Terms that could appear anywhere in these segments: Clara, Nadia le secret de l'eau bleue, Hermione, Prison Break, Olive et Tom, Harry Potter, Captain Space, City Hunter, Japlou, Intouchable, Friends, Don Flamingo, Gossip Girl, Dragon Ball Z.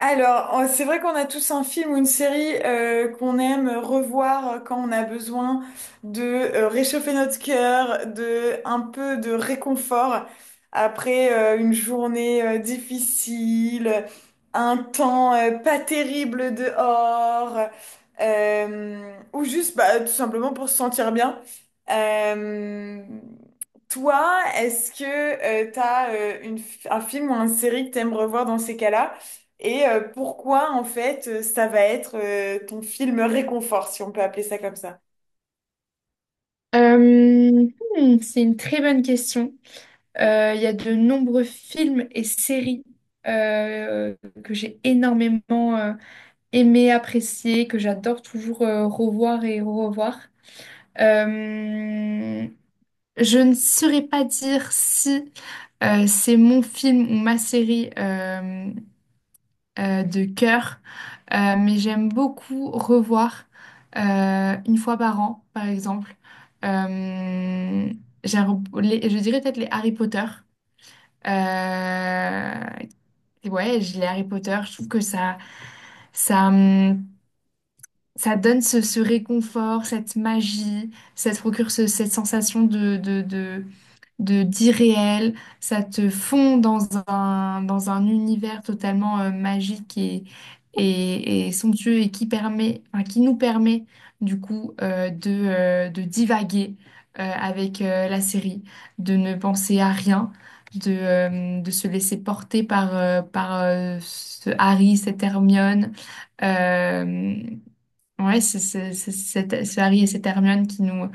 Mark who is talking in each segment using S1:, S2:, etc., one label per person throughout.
S1: C'est vrai qu'on a tous un film ou une série qu'on aime revoir quand on a besoin de réchauffer notre cœur, de un peu de réconfort après une journée difficile, un temps pas terrible dehors, ou juste bah, tout simplement pour se sentir bien. Euh, Toi, est-ce que t'as un film ou une série que t'aimes revoir dans ces cas-là? Et pourquoi, en fait, ça va être ton film réconfort, si on peut appeler ça comme ça?
S2: Euh, hmm, c'est une très bonne question. Il y a de nombreux films et séries euh, que j'ai énormément aimé, apprécié, que j'adore toujours revoir et revoir. Euh, je ne saurais pas dire si c'est mon film ou ma série de cœur. Mais j'aime beaucoup revoir une fois par an, par exemple. Euh, j'aime je dirais peut-être les Harry Potter. Euh, ouais, j'ai les Harry Potter, je trouve que ça ça donne ce réconfort, cette magie, ça te procure cette sensation de, de, de d'irréel, ça te fond dans dans un univers totalement magique et, et somptueux et qui permet, enfin, qui nous permet du coup de divaguer avec la série, de ne penser à rien, de se laisser porter par ce Harry, cette Hermione. euh, ouais, ce Harry et cette Hermione qui nous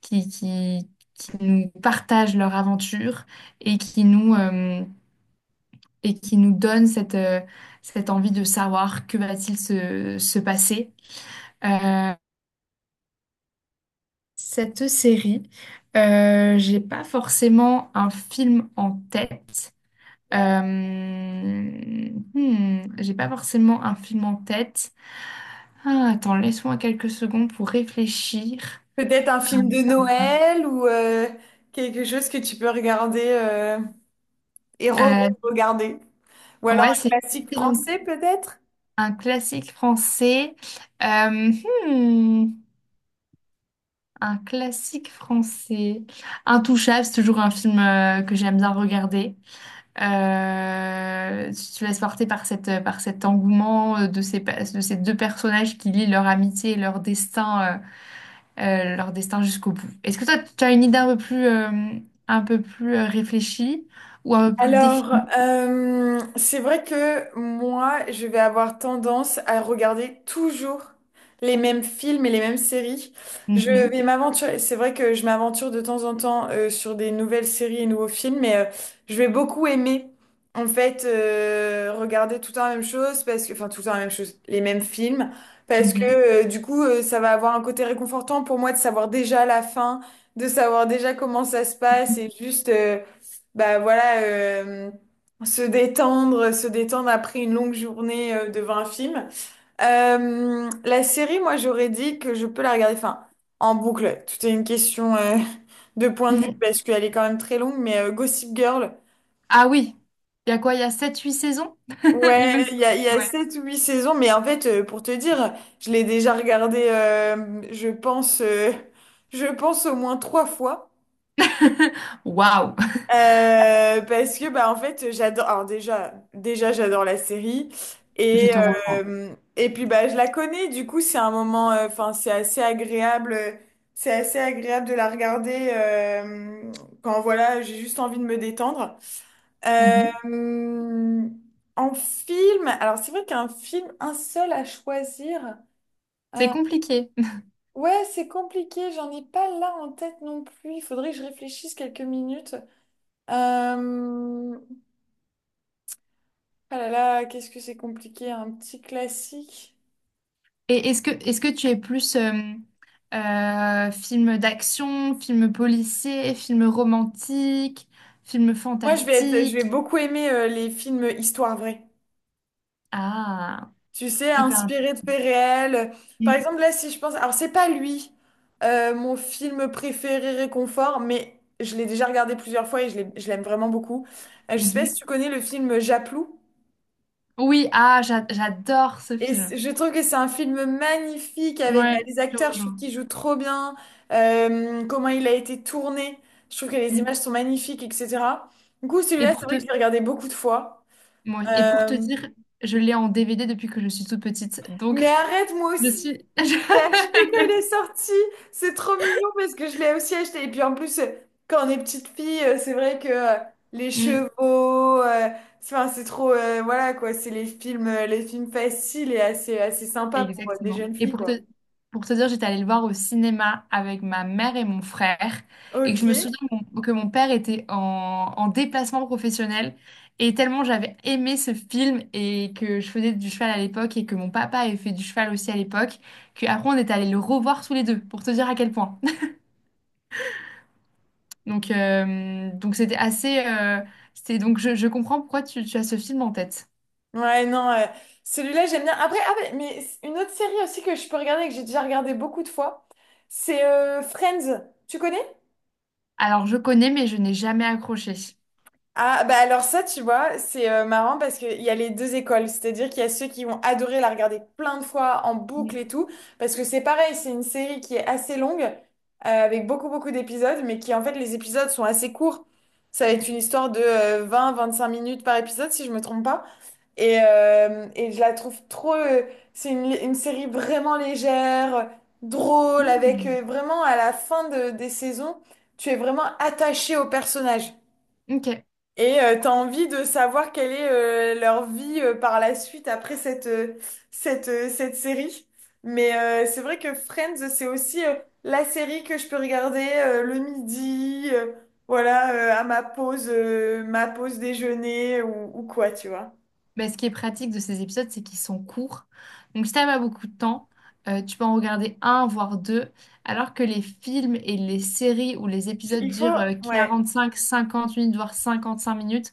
S2: qui, qui, qui nous partagent leur aventure et qui et qui nous donnent cette envie de savoir que va-t-il se passer. Euh, cette série, j'ai pas forcément un film en tête. J'ai pas forcément un film en tête. Ah, attends, laisse-moi quelques secondes pour réfléchir.
S1: Peut-être un film de Noël ou quelque chose que tu peux regarder et
S2: Euh,
S1: re-regarder. Ou alors
S2: ouais,
S1: un
S2: c'est une
S1: classique
S2: excellente.
S1: français, peut-être?
S2: Un classique français. Euh, hmm, un classique français. Intouchable, c'est toujours un film que j'aime bien regarder. Tu te laisses porter par cette, par cet engouement de ces, de ces deux personnages qui lient leur amitié et leur destin jusqu'au bout. Est-ce que toi, tu as une idée un peu plus réfléchie ou un peu plus définie?
S1: C'est vrai que moi, je vais avoir tendance à regarder toujours les mêmes films et les mêmes séries. Je vais
S2: Mhm,
S1: m'aventurer. C'est vrai que je m'aventure de temps en temps sur des nouvelles séries et nouveaux films, mais je vais beaucoup aimer, en fait, regarder tout le temps la même chose, parce que, enfin, tout le temps la même chose, les mêmes films, parce que
S2: mhm,
S1: du coup, ça va avoir un côté réconfortant pour moi de savoir déjà la fin, de savoir déjà comment ça se passe et juste, bah voilà, se détendre après une longue journée devant un film. La série, moi, j'aurais dit que je peux la regarder, enfin, en boucle. Tout est une question de point de vue
S2: mhm.
S1: parce qu'elle est quand même très longue, mais Gossip Girl.
S2: Ah oui, il y a quoi? Il y a sept huit saisons? Il me
S1: Ouais,
S2: semble.
S1: il y a
S2: Ouais.
S1: 7 ou 8 saisons, mais en fait, pour te dire, je l'ai déjà regardé, je pense, au moins trois fois.
S2: Waouh,
S1: Parce que bah en fait j'adore alors déjà déjà j'adore la série
S2: je
S1: et
S2: te rejoins.
S1: et puis bah je la connais du coup c'est un moment enfin c'est assez agréable de la regarder quand voilà j'ai juste envie de me détendre. Euh,
S2: Mhm.
S1: En film alors c'est vrai qu'un film un seul à choisir
S2: C'est
S1: euh,
S2: compliqué.
S1: ouais c'est compliqué j'en ai pas là en tête non plus il faudrait que je réfléchisse quelques minutes. euh, Ah là là, qu'est-ce que c'est compliqué, un petit classique.
S2: Et est-ce que tu es plus film d'action, film policier, film romantique, film
S1: Moi, je vais
S2: fantastique?
S1: beaucoup aimer les films histoire vraie.
S2: Ah,
S1: Tu sais,
S2: hyper
S1: inspirés de faits réels. Par
S2: intéressant.
S1: exemple, là, si je pense, alors c'est pas lui, mon film préféré réconfort, mais je l'ai déjà regardé plusieurs fois et je l'aime vraiment beaucoup. Je sais pas si
S2: Mhm.
S1: tu connais le film Japlou.
S2: Oui, ah, j'adore ce film.
S1: Je trouve que c'est un film magnifique avec bah,
S2: Ouais,
S1: les
S2: je
S1: acteurs, je trouve
S2: rejoins.
S1: qu'ils jouent trop bien, comment il a été tourné, je trouve que les
S2: Mm.
S1: images sont magnifiques, etc. Du coup,
S2: Et
S1: celui-là, c'est
S2: pour
S1: vrai que je
S2: te,
S1: l'ai regardé beaucoup de fois.
S2: et pour
S1: Euh,
S2: te dire, je l'ai en DVD depuis que je suis toute petite.
S1: mais
S2: Donc,
S1: arrête, moi
S2: je
S1: aussi,
S2: suis...
S1: j'ai acheté quand il est sorti, c'est trop mignon parce que je l'ai aussi acheté. Et puis en plus, quand on est petite fille, c'est vrai que les
S2: Mm.
S1: chevaux, c'est enfin, c'est trop, voilà quoi, c'est les films faciles et assez, assez sympas pour des
S2: Exactement.
S1: jeunes filles, quoi.
S2: Pour te dire, j'étais allée le voir au cinéma avec ma mère et mon frère. Et que
S1: Ok.
S2: je me souviens que que mon père était en déplacement professionnel. Et tellement j'avais aimé ce film et que je faisais du cheval à l'époque et que mon papa avait fait du cheval aussi à l'époque, qu'après on est allé le revoir tous les deux pour te dire à quel point. Donc c'était assez. C'était, donc je comprends pourquoi tu as ce film en tête.
S1: Ouais, non, celui-là, j'aime bien. Après, ah, ouais, mais une autre série aussi que je peux regarder, et que j'ai déjà regardé beaucoup de fois, c'est Friends. Tu connais?
S2: Alors je connais, mais je n'ai jamais accroché.
S1: Ah, bah alors ça, tu vois, c'est marrant parce qu'il y a les deux écoles. C'est-à-dire qu'il y a ceux qui vont adorer la regarder plein de fois en boucle et
S2: Mm.
S1: tout. Parce que c'est pareil, c'est une série qui est assez longue, avec beaucoup, beaucoup d'épisodes, mais qui en fait, les épisodes sont assez courts. Ça va être
S2: Mm.
S1: une histoire de vingt 25 minutes par épisode, si je me trompe pas. Et je la trouve trop. C'est une série vraiment légère, drôle, avec
S2: Mm.
S1: vraiment à la fin des saisons, tu es vraiment attaché au personnage.
S2: Ok.
S1: Et t'as envie de savoir quelle est leur vie par la suite après cette série. Mais c'est vrai que Friends, c'est aussi la série que je peux regarder le midi, voilà, à ma pause déjeuner ou quoi, tu vois.
S2: Ben, ce qui est pratique de ces épisodes, c'est qu'ils sont courts. Donc, si t'as pas beaucoup de temps, tu peux en regarder un, voire deux. Alors que les films et les séries ou les épisodes
S1: Il faut,
S2: durent
S1: ouais.
S2: cinq cinquante minutes, voire 55 minutes,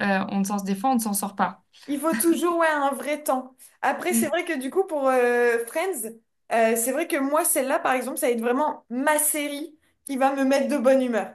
S2: on ne s'en des fois, on ne s'en sort pas.
S1: Il faut toujours ouais, un vrai temps. Après, c'est
S2: Mm,
S1: vrai que du coup, pour Friends, c'est vrai que moi, celle-là, par exemple, ça va être vraiment ma série qui va me mettre de bonne humeur.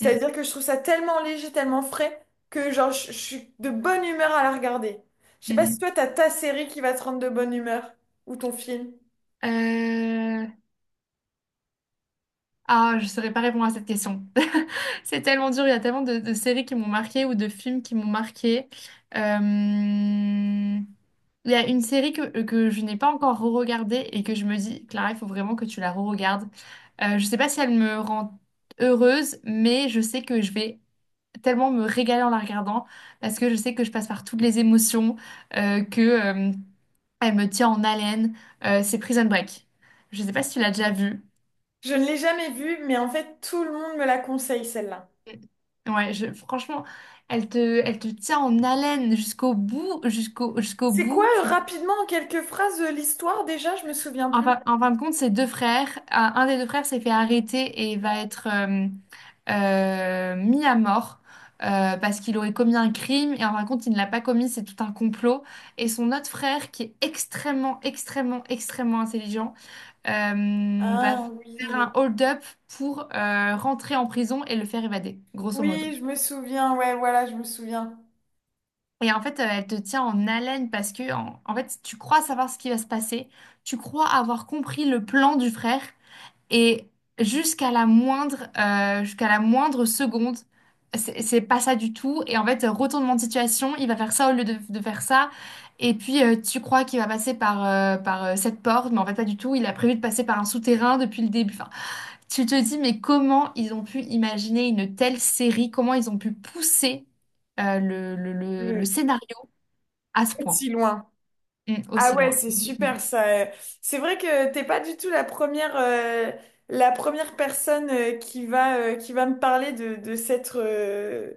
S2: mm,
S1: que je trouve ça tellement léger, tellement frais, que genre, je suis de bonne humeur à la regarder. Je sais pas si
S2: mm.
S1: toi, t'as ta série qui va te rendre de bonne humeur, ou ton film.
S2: Euh, Ah, je ne saurais pas répondre à cette question. C'est tellement dur. Il y a tellement de séries qui m'ont marqué ou de films qui m'ont marqué. Euh, Il y a une série que je n'ai pas encore re-regardée et que je me dis, Clara, il faut vraiment que tu la re-regardes. Je sais pas si elle me rend heureuse, mais je sais que je vais tellement me régaler en la regardant parce que je sais que je passe par toutes les émotions, euh, que, euh, elle me tient en haleine. C'est Prison Break. Je sais pas si tu l'as déjà vue.
S1: Je ne l'ai jamais vue, mais en fait, tout le monde me la conseille, celle-là.
S2: Ouais, franchement, elle elle te tient en haleine jusqu'au bout, jusqu'au
S1: C'est quoi,
S2: bout.
S1: rapidement, en quelques phrases, l'histoire déjà? Je me souviens plus.
S2: En fin de compte, c'est deux frères. Un des deux frères s'est fait arrêter et va être mis à mort parce qu'il aurait commis un crime. Et en fin de compte, il ne l'a pas commis, c'est tout un complot. Et son autre frère, qui est extrêmement, extrêmement, extrêmement intelligent, va
S1: Ah
S2: faire
S1: oui.
S2: un hold-up pour rentrer en prison et le faire évader, grosso modo.
S1: Oui, je me souviens, ouais, voilà, je me souviens.
S2: Et en fait, elle te tient en haleine parce que, en fait, tu crois savoir ce qui va se passer, tu crois avoir compris le plan du frère. Et jusqu'à la moindre seconde, c'est pas ça du tout. Et en fait, retournement de situation, il va faire ça au lieu de faire ça. Et puis, tu crois qu'il va passer par cette porte, mais en fait, pas du tout. Il a prévu de passer par un souterrain depuis le début. Enfin, tu te dis, mais comment ils ont pu imaginer une telle série? Comment ils ont pu pousser le
S1: Le
S2: scénario à ce point.
S1: Si loin.
S2: Mm,
S1: Ah
S2: aussi
S1: ouais,
S2: loin.
S1: c'est super
S2: Exactement.
S1: ça. C'est vrai que t'es pas du tout la première personne qui qui va me parler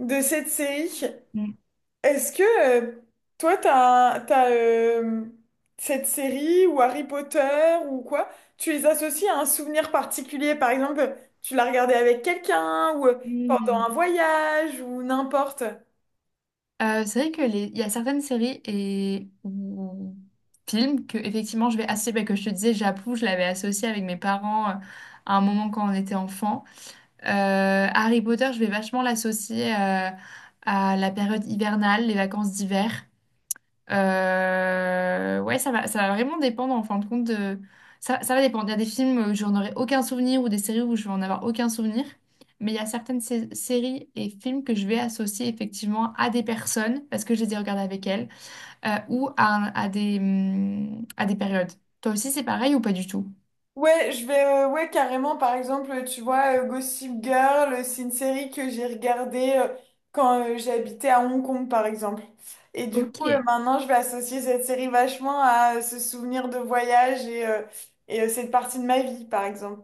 S1: de cette série.
S2: Mm.
S1: Est-ce que euh, toi, t'as cette série ou Harry Potter ou quoi, tu les associes à un souvenir particulier? Par exemple, tu l'as regardé avec quelqu'un ou pendant un
S2: Mm.
S1: voyage ou n'importe.
S2: C'est vrai que les... il y a certaines séries et ou films que effectivement je vais associer, bah, que je te disais, J'appuie, je l'avais associé avec mes parents à un moment quand on était enfant. Harry Potter, je vais vachement l'associer à la période hivernale, les vacances d'hiver. Ouais, ça va vraiment dépendre en fin de compte de... ça va dépendre. Il y a des films où j'en aurai aucun souvenir ou des séries où je vais en avoir aucun souvenir. Mais il y a certaines séries et films que je vais associer effectivement à des personnes parce que je les ai regardées avec elles ou à, à des périodes. Toi aussi, c'est pareil ou pas du tout?
S1: Ouais, je vais, ouais, carrément, par exemple, tu vois, Gossip Girl, c'est une série que j'ai regardée quand j'habitais à Hong Kong, par exemple. Et du coup,
S2: Ok.
S1: maintenant, je vais associer cette série vachement à ce souvenir de voyage et cette partie de ma vie, par exemple.